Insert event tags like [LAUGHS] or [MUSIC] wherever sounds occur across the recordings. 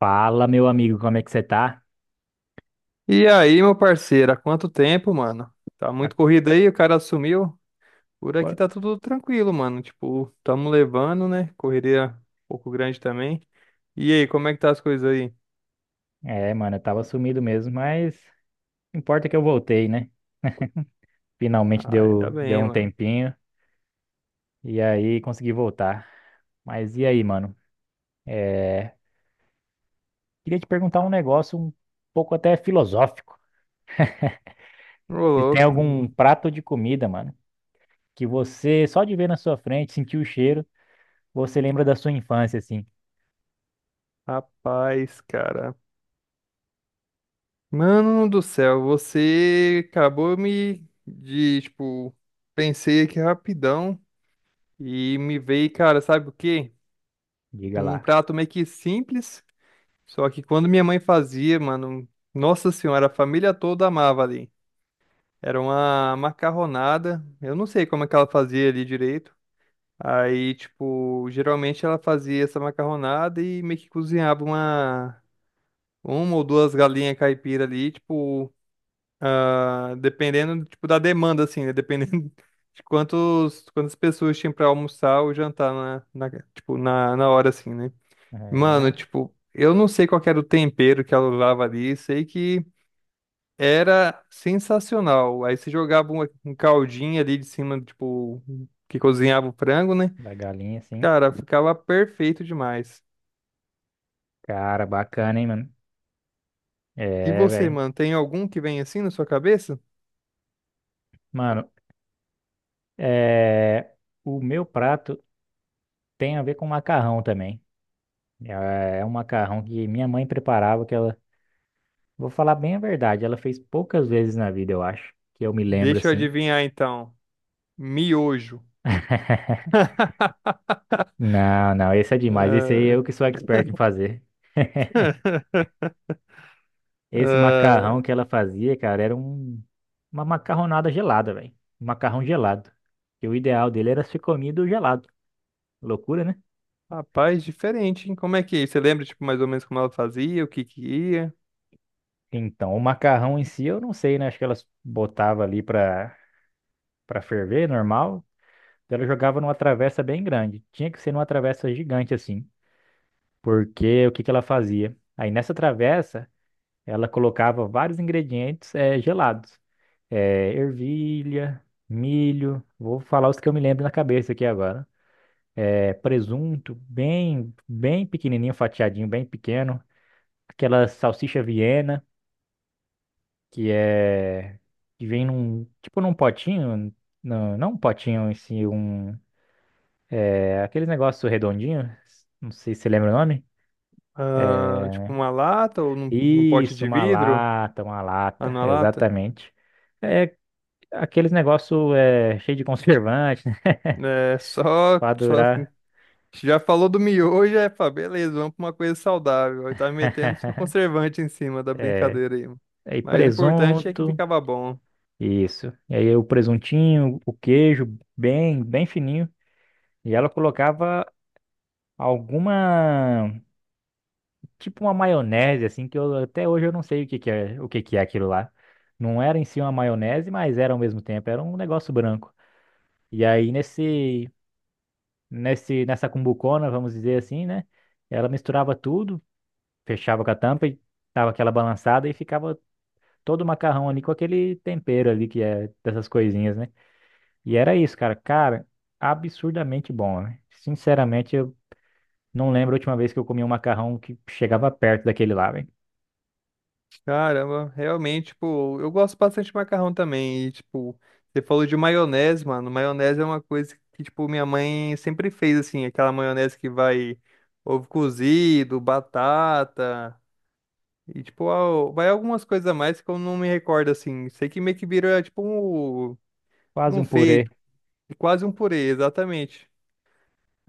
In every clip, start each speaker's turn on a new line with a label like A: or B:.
A: Fala, meu amigo, como é que você tá?
B: E aí, meu parceiro, há quanto tempo, mano? Tá
A: A-
B: muito corrido aí, o cara sumiu. Por aqui
A: pô-
B: tá tudo tranquilo, mano. Tipo, tamo levando, né? Correria um pouco grande também. E aí, como é que tá as coisas aí?
A: É, mano, eu tava sumido mesmo, mas o que importa é que eu voltei, né? Finalmente
B: Ai, tá
A: deu
B: bem,
A: um
B: mano.
A: tempinho e aí consegui voltar. Mas e aí, mano? É, Queria te perguntar um negócio um pouco até filosófico.
B: Ô,
A: Se tem
B: louco.
A: algum prato de comida, mano, que você só de ver na sua frente, sentir o cheiro, você lembra da sua infância, assim.
B: Rapaz, cara. Mano do céu, você acabou me de, tipo, pensei aqui rapidão e me veio, cara, sabe o quê?
A: Diga
B: Um
A: lá.
B: prato meio que simples. Só que quando minha mãe fazia, mano, nossa senhora, a família toda amava ali. Era uma macarronada. Eu não sei como é que ela fazia ali direito. Aí, tipo, geralmente ela fazia essa macarronada e meio que cozinhava uma ou duas galinhas caipira ali, tipo, dependendo, tipo, da demanda, assim, né? Dependendo [LAUGHS] de quantas pessoas tinham pra almoçar ou jantar tipo, na hora, assim, né? Mano,
A: É,
B: tipo, eu não sei qual que era o tempero que ela usava ali, sei que era sensacional. Aí você jogava um caldinho ali de cima, tipo, que cozinhava o frango, né?
A: da galinha, assim.
B: Cara, ficava perfeito demais.
A: Cara, bacana, hein, mano?
B: E
A: É,
B: você,
A: velho.
B: mano, tem algum que vem assim na sua cabeça?
A: Mano, É, o meu prato tem a ver com macarrão também. É um macarrão que minha mãe preparava, que ela, vou falar bem a verdade, ela fez poucas vezes na vida, eu acho, que eu me lembro
B: Deixa eu
A: assim.
B: adivinhar então. Miojo.
A: [LAUGHS]
B: [LAUGHS]
A: Não, não, esse é demais. Esse aí
B: Ah,
A: eu que sou expert em fazer. Esse macarrão que ela fazia, cara, era um, uma macarronada gelada, velho. Um macarrão gelado. Que o ideal dele era ser comido gelado. Loucura, né?
B: ah, rapaz, diferente, hein? Como é que é? Você lembra, tipo, mais ou menos como ela fazia, o que que ia?
A: Então, o macarrão em si, eu não sei, né? Acho que elas botava ali pra ferver, normal. Então, ela jogava numa travessa bem grande. Tinha que ser numa travessa gigante assim, porque o que que ela fazia? Aí nessa travessa, ela colocava vários ingredientes gelados. Ervilha, milho, vou falar os que eu me lembro na cabeça aqui agora. Presunto, bem, bem pequenininho, fatiadinho, bem pequeno. Aquela salsicha Viena, que é que vem num, tipo num potinho, não um potinho em si, um aquele negócio redondinho, não sei se você lembra o nome.
B: Ah, tipo, uma lata ou num pote
A: Isso,
B: de vidro?
A: uma
B: Ah,
A: lata,
B: na lata?
A: exatamente. É aqueles negócio é, cheio de conservante, né? [LAUGHS]
B: É, só,
A: Pra
B: só.
A: durar.
B: Já falou do miojo, é, pá, beleza, vamos pra uma coisa saudável. Aí tá metendo só
A: [LAUGHS]
B: conservante em cima da
A: É,
B: brincadeira aí, mano.
A: aí
B: Mas o importante é que
A: presunto,
B: ficava bom.
A: isso. E aí o presuntinho, o queijo, bem, bem fininho. E ela colocava alguma, tipo uma maionese, assim, que eu até hoje eu não sei o que que é, o que que é aquilo lá. Não era em si uma maionese, mas era ao mesmo tempo, era um negócio branco. E aí nessa cumbucona, vamos dizer assim, né? Ela misturava tudo, fechava com a tampa e dava aquela balançada e ficava todo o macarrão ali com aquele tempero ali que é dessas coisinhas, né? E era isso, cara. Cara, absurdamente bom, né? Sinceramente, eu não lembro a última vez que eu comi um macarrão que chegava perto daquele lá, velho.
B: Caramba, realmente, tipo, eu gosto bastante de macarrão também. E, tipo, você falou de maionese, mano. Maionese é uma coisa que, tipo, minha mãe sempre fez, assim, aquela maionese que vai ovo cozido, batata. E, tipo, vai algumas coisas a mais que eu não me recordo, assim. Sei que meio que vira, tipo, um,
A: Quase
B: um
A: um purê.
B: fake, quase um purê, exatamente.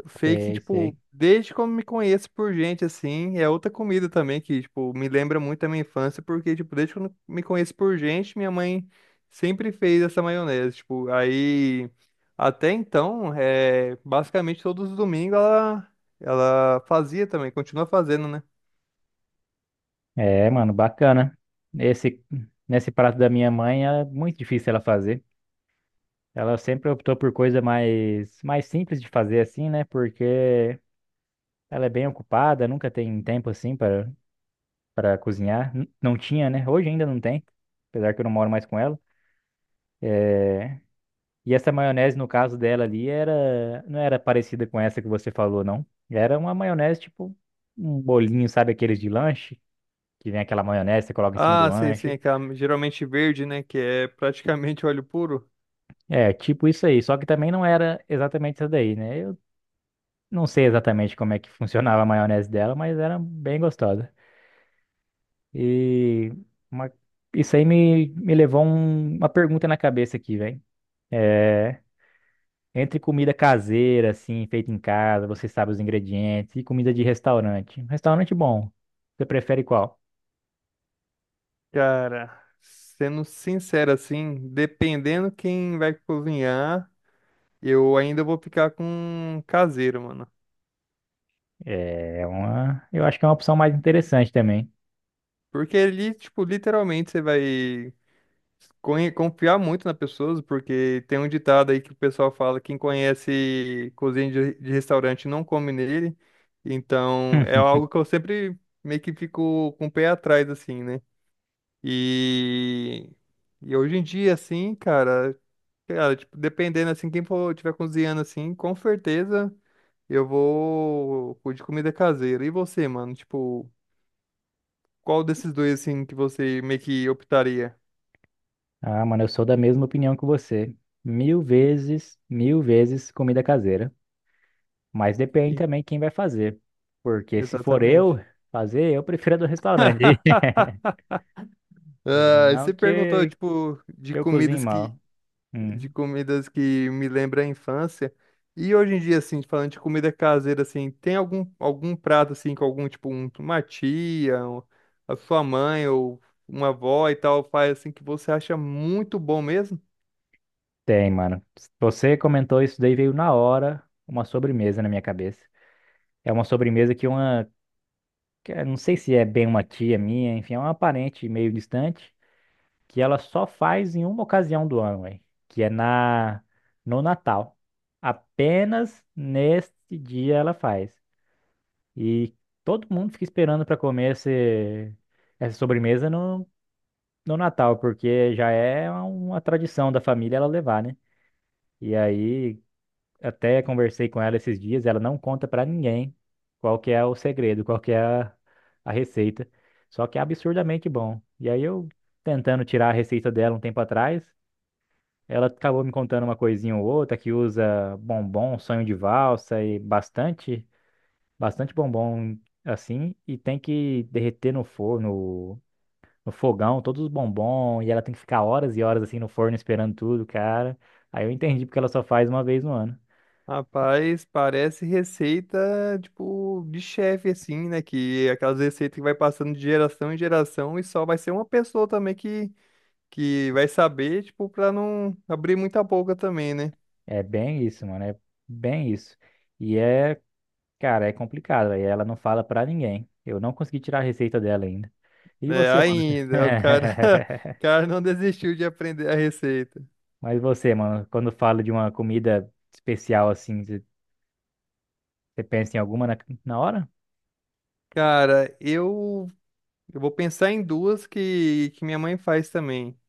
B: Fake,
A: Sei, sei.
B: tipo, desde quando me conheço por gente, assim, é outra comida também que, tipo, me lembra muito da minha infância, porque, tipo, desde quando me conheço por gente, minha mãe sempre fez essa maionese, tipo, aí, até então, é, basicamente todos os domingos ela fazia também, continua fazendo, né?
A: É, mano, bacana. Esse, nesse prato da minha mãe é muito difícil ela fazer. Ela sempre optou por coisa mais, mais simples de fazer assim, né? Porque ela é bem ocupada, nunca tem tempo assim para cozinhar. N- Não tinha, né? Hoje ainda não tem, apesar que eu não moro mais com ela. É, E essa maionese, no caso dela ali, era não era parecida com essa que você falou, não. Era uma maionese tipo um bolinho, sabe aqueles de lanche? Que vem aquela maionese, você coloca em cima do
B: Ah, sei, sim,
A: lanche.
B: aquela geralmente verde, né? Que é praticamente óleo puro.
A: É, tipo isso aí. Só que também não era exatamente essa daí, né? Eu não sei exatamente como é que funcionava a maionese dela, mas era bem gostosa. E uma- isso aí me levou um- uma pergunta na cabeça aqui, velho. É, entre comida caseira, assim, feita em casa, você sabe os ingredientes, e comida de restaurante. Um restaurante bom, você prefere qual?
B: Cara, sendo sincero assim, dependendo quem vai cozinhar, eu ainda vou ficar com caseiro, mano.
A: É uma, eu acho que é uma opção mais interessante também.
B: Porque ali, tipo, literalmente você vai confiar muito na pessoa, porque tem um ditado aí que o pessoal fala, quem conhece cozinha de restaurante não come nele. Então, é algo
A: [LAUGHS]
B: que eu sempre meio que fico com o pé atrás, assim, né? E, e hoje em dia, assim, cara, tipo, dependendo, assim, quem for tiver cozinhando, assim, com certeza eu vou com de comida caseira. E você, mano? Tipo, qual desses dois, assim, que você meio que optaria?
A: Ah, mano, eu sou da mesma opinião que você. Mil vezes comida caseira. Mas depende
B: Ih,
A: também quem vai fazer. Porque se for eu
B: exatamente.
A: fazer, eu prefiro a do restaurante.
B: [LAUGHS]
A: [LAUGHS]
B: Ah,
A: Não
B: você perguntou,
A: que,
B: tipo,
A: que eu cozinhe mal.
B: de
A: Hum,
B: comidas que me lembra a infância. E hoje em dia, assim, falando de comida caseira, assim, tem algum prato, assim, com algum, tipo, uma tia, a sua mãe ou uma avó e tal, faz, assim, que você acha muito bom mesmo?
A: tem, mano. Você comentou isso daí, veio na hora uma sobremesa na minha cabeça. É uma sobremesa que uma. Que eu não sei se é bem uma tia minha, enfim, é uma parente meio distante, que ela só faz em uma ocasião do ano, véi, que é na, no Natal. Apenas nesse dia ela faz. E todo mundo fica esperando para comer esse, essa sobremesa no, no Natal, porque já é uma tradição da família ela levar, né? E aí, até conversei com ela esses dias, ela não conta para ninguém qual que é o segredo, qual que é a receita. Só que é absurdamente bom. E aí eu tentando tirar a receita dela um tempo atrás, ela acabou me contando uma coisinha ou outra que usa bombom, sonho de valsa e bastante bombom assim e tem que derreter no forno, no fogão, todos os bombons e ela tem que ficar horas e horas assim no forno esperando tudo, cara. Aí eu entendi porque ela só faz uma vez no ano.
B: Rapaz, parece receita, tipo, de chefe, assim, né? Que é aquelas receitas que vai passando de geração em geração e só vai ser uma pessoa também que vai saber, tipo, pra não abrir muita boca também, né?
A: É bem isso, mano, é bem isso. E é, cara, é complicado, aí ela não fala pra ninguém. Eu não consegui tirar a receita dela ainda. E
B: É,
A: você, mano? [LAUGHS]
B: ainda, o cara, [LAUGHS] o cara não desistiu de aprender a receita.
A: Mas você, mano, quando fala de uma comida especial assim, você você pensa em alguma na, na hora?
B: Cara, eu vou pensar em duas que minha mãe faz também.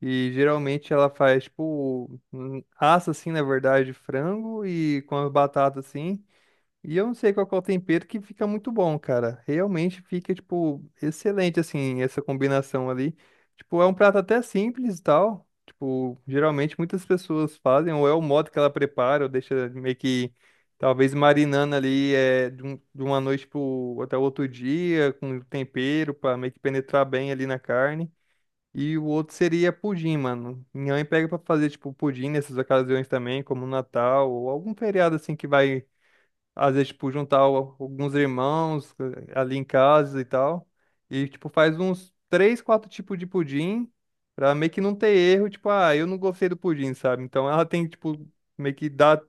B: E geralmente ela faz, tipo, assa assim, na verdade, frango e com a batata assim. E eu não sei qual que é o tempero que fica muito bom, cara. Realmente fica, tipo, excelente, assim, essa combinação ali. Tipo, é um prato até simples e tal. Tipo, geralmente muitas pessoas fazem, ou é o modo que ela prepara, ou deixa meio que, talvez, marinando ali de uma noite pro, até o outro dia, com tempero, pra meio que penetrar bem ali na carne. E o outro seria pudim, mano. Minha mãe pega pra fazer, tipo, pudim nessas ocasiões também, como Natal, ou algum feriado, assim, que vai às vezes, tipo, juntar alguns irmãos ali em casa e tal. E, tipo, faz uns três, quatro tipos de pudim pra meio que não ter erro. Tipo, ah, eu não gostei do pudim, sabe? Então ela tem, tipo, meio que dar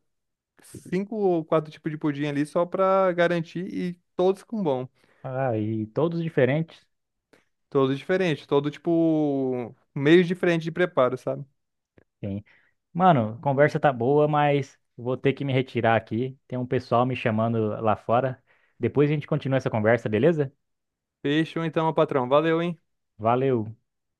B: cinco ou quatro tipos de pudim ali só pra garantir e todos com bom.
A: Ah, e todos diferentes.
B: Todos diferentes, todo, tipo, meios diferentes de preparo, sabe?
A: Sim. Mano, a conversa tá boa, mas vou ter que me retirar aqui. Tem um pessoal me chamando lá fora. Depois a gente continua essa conversa, beleza?
B: Fechou então, meu patrão. Valeu, hein?
A: Valeu.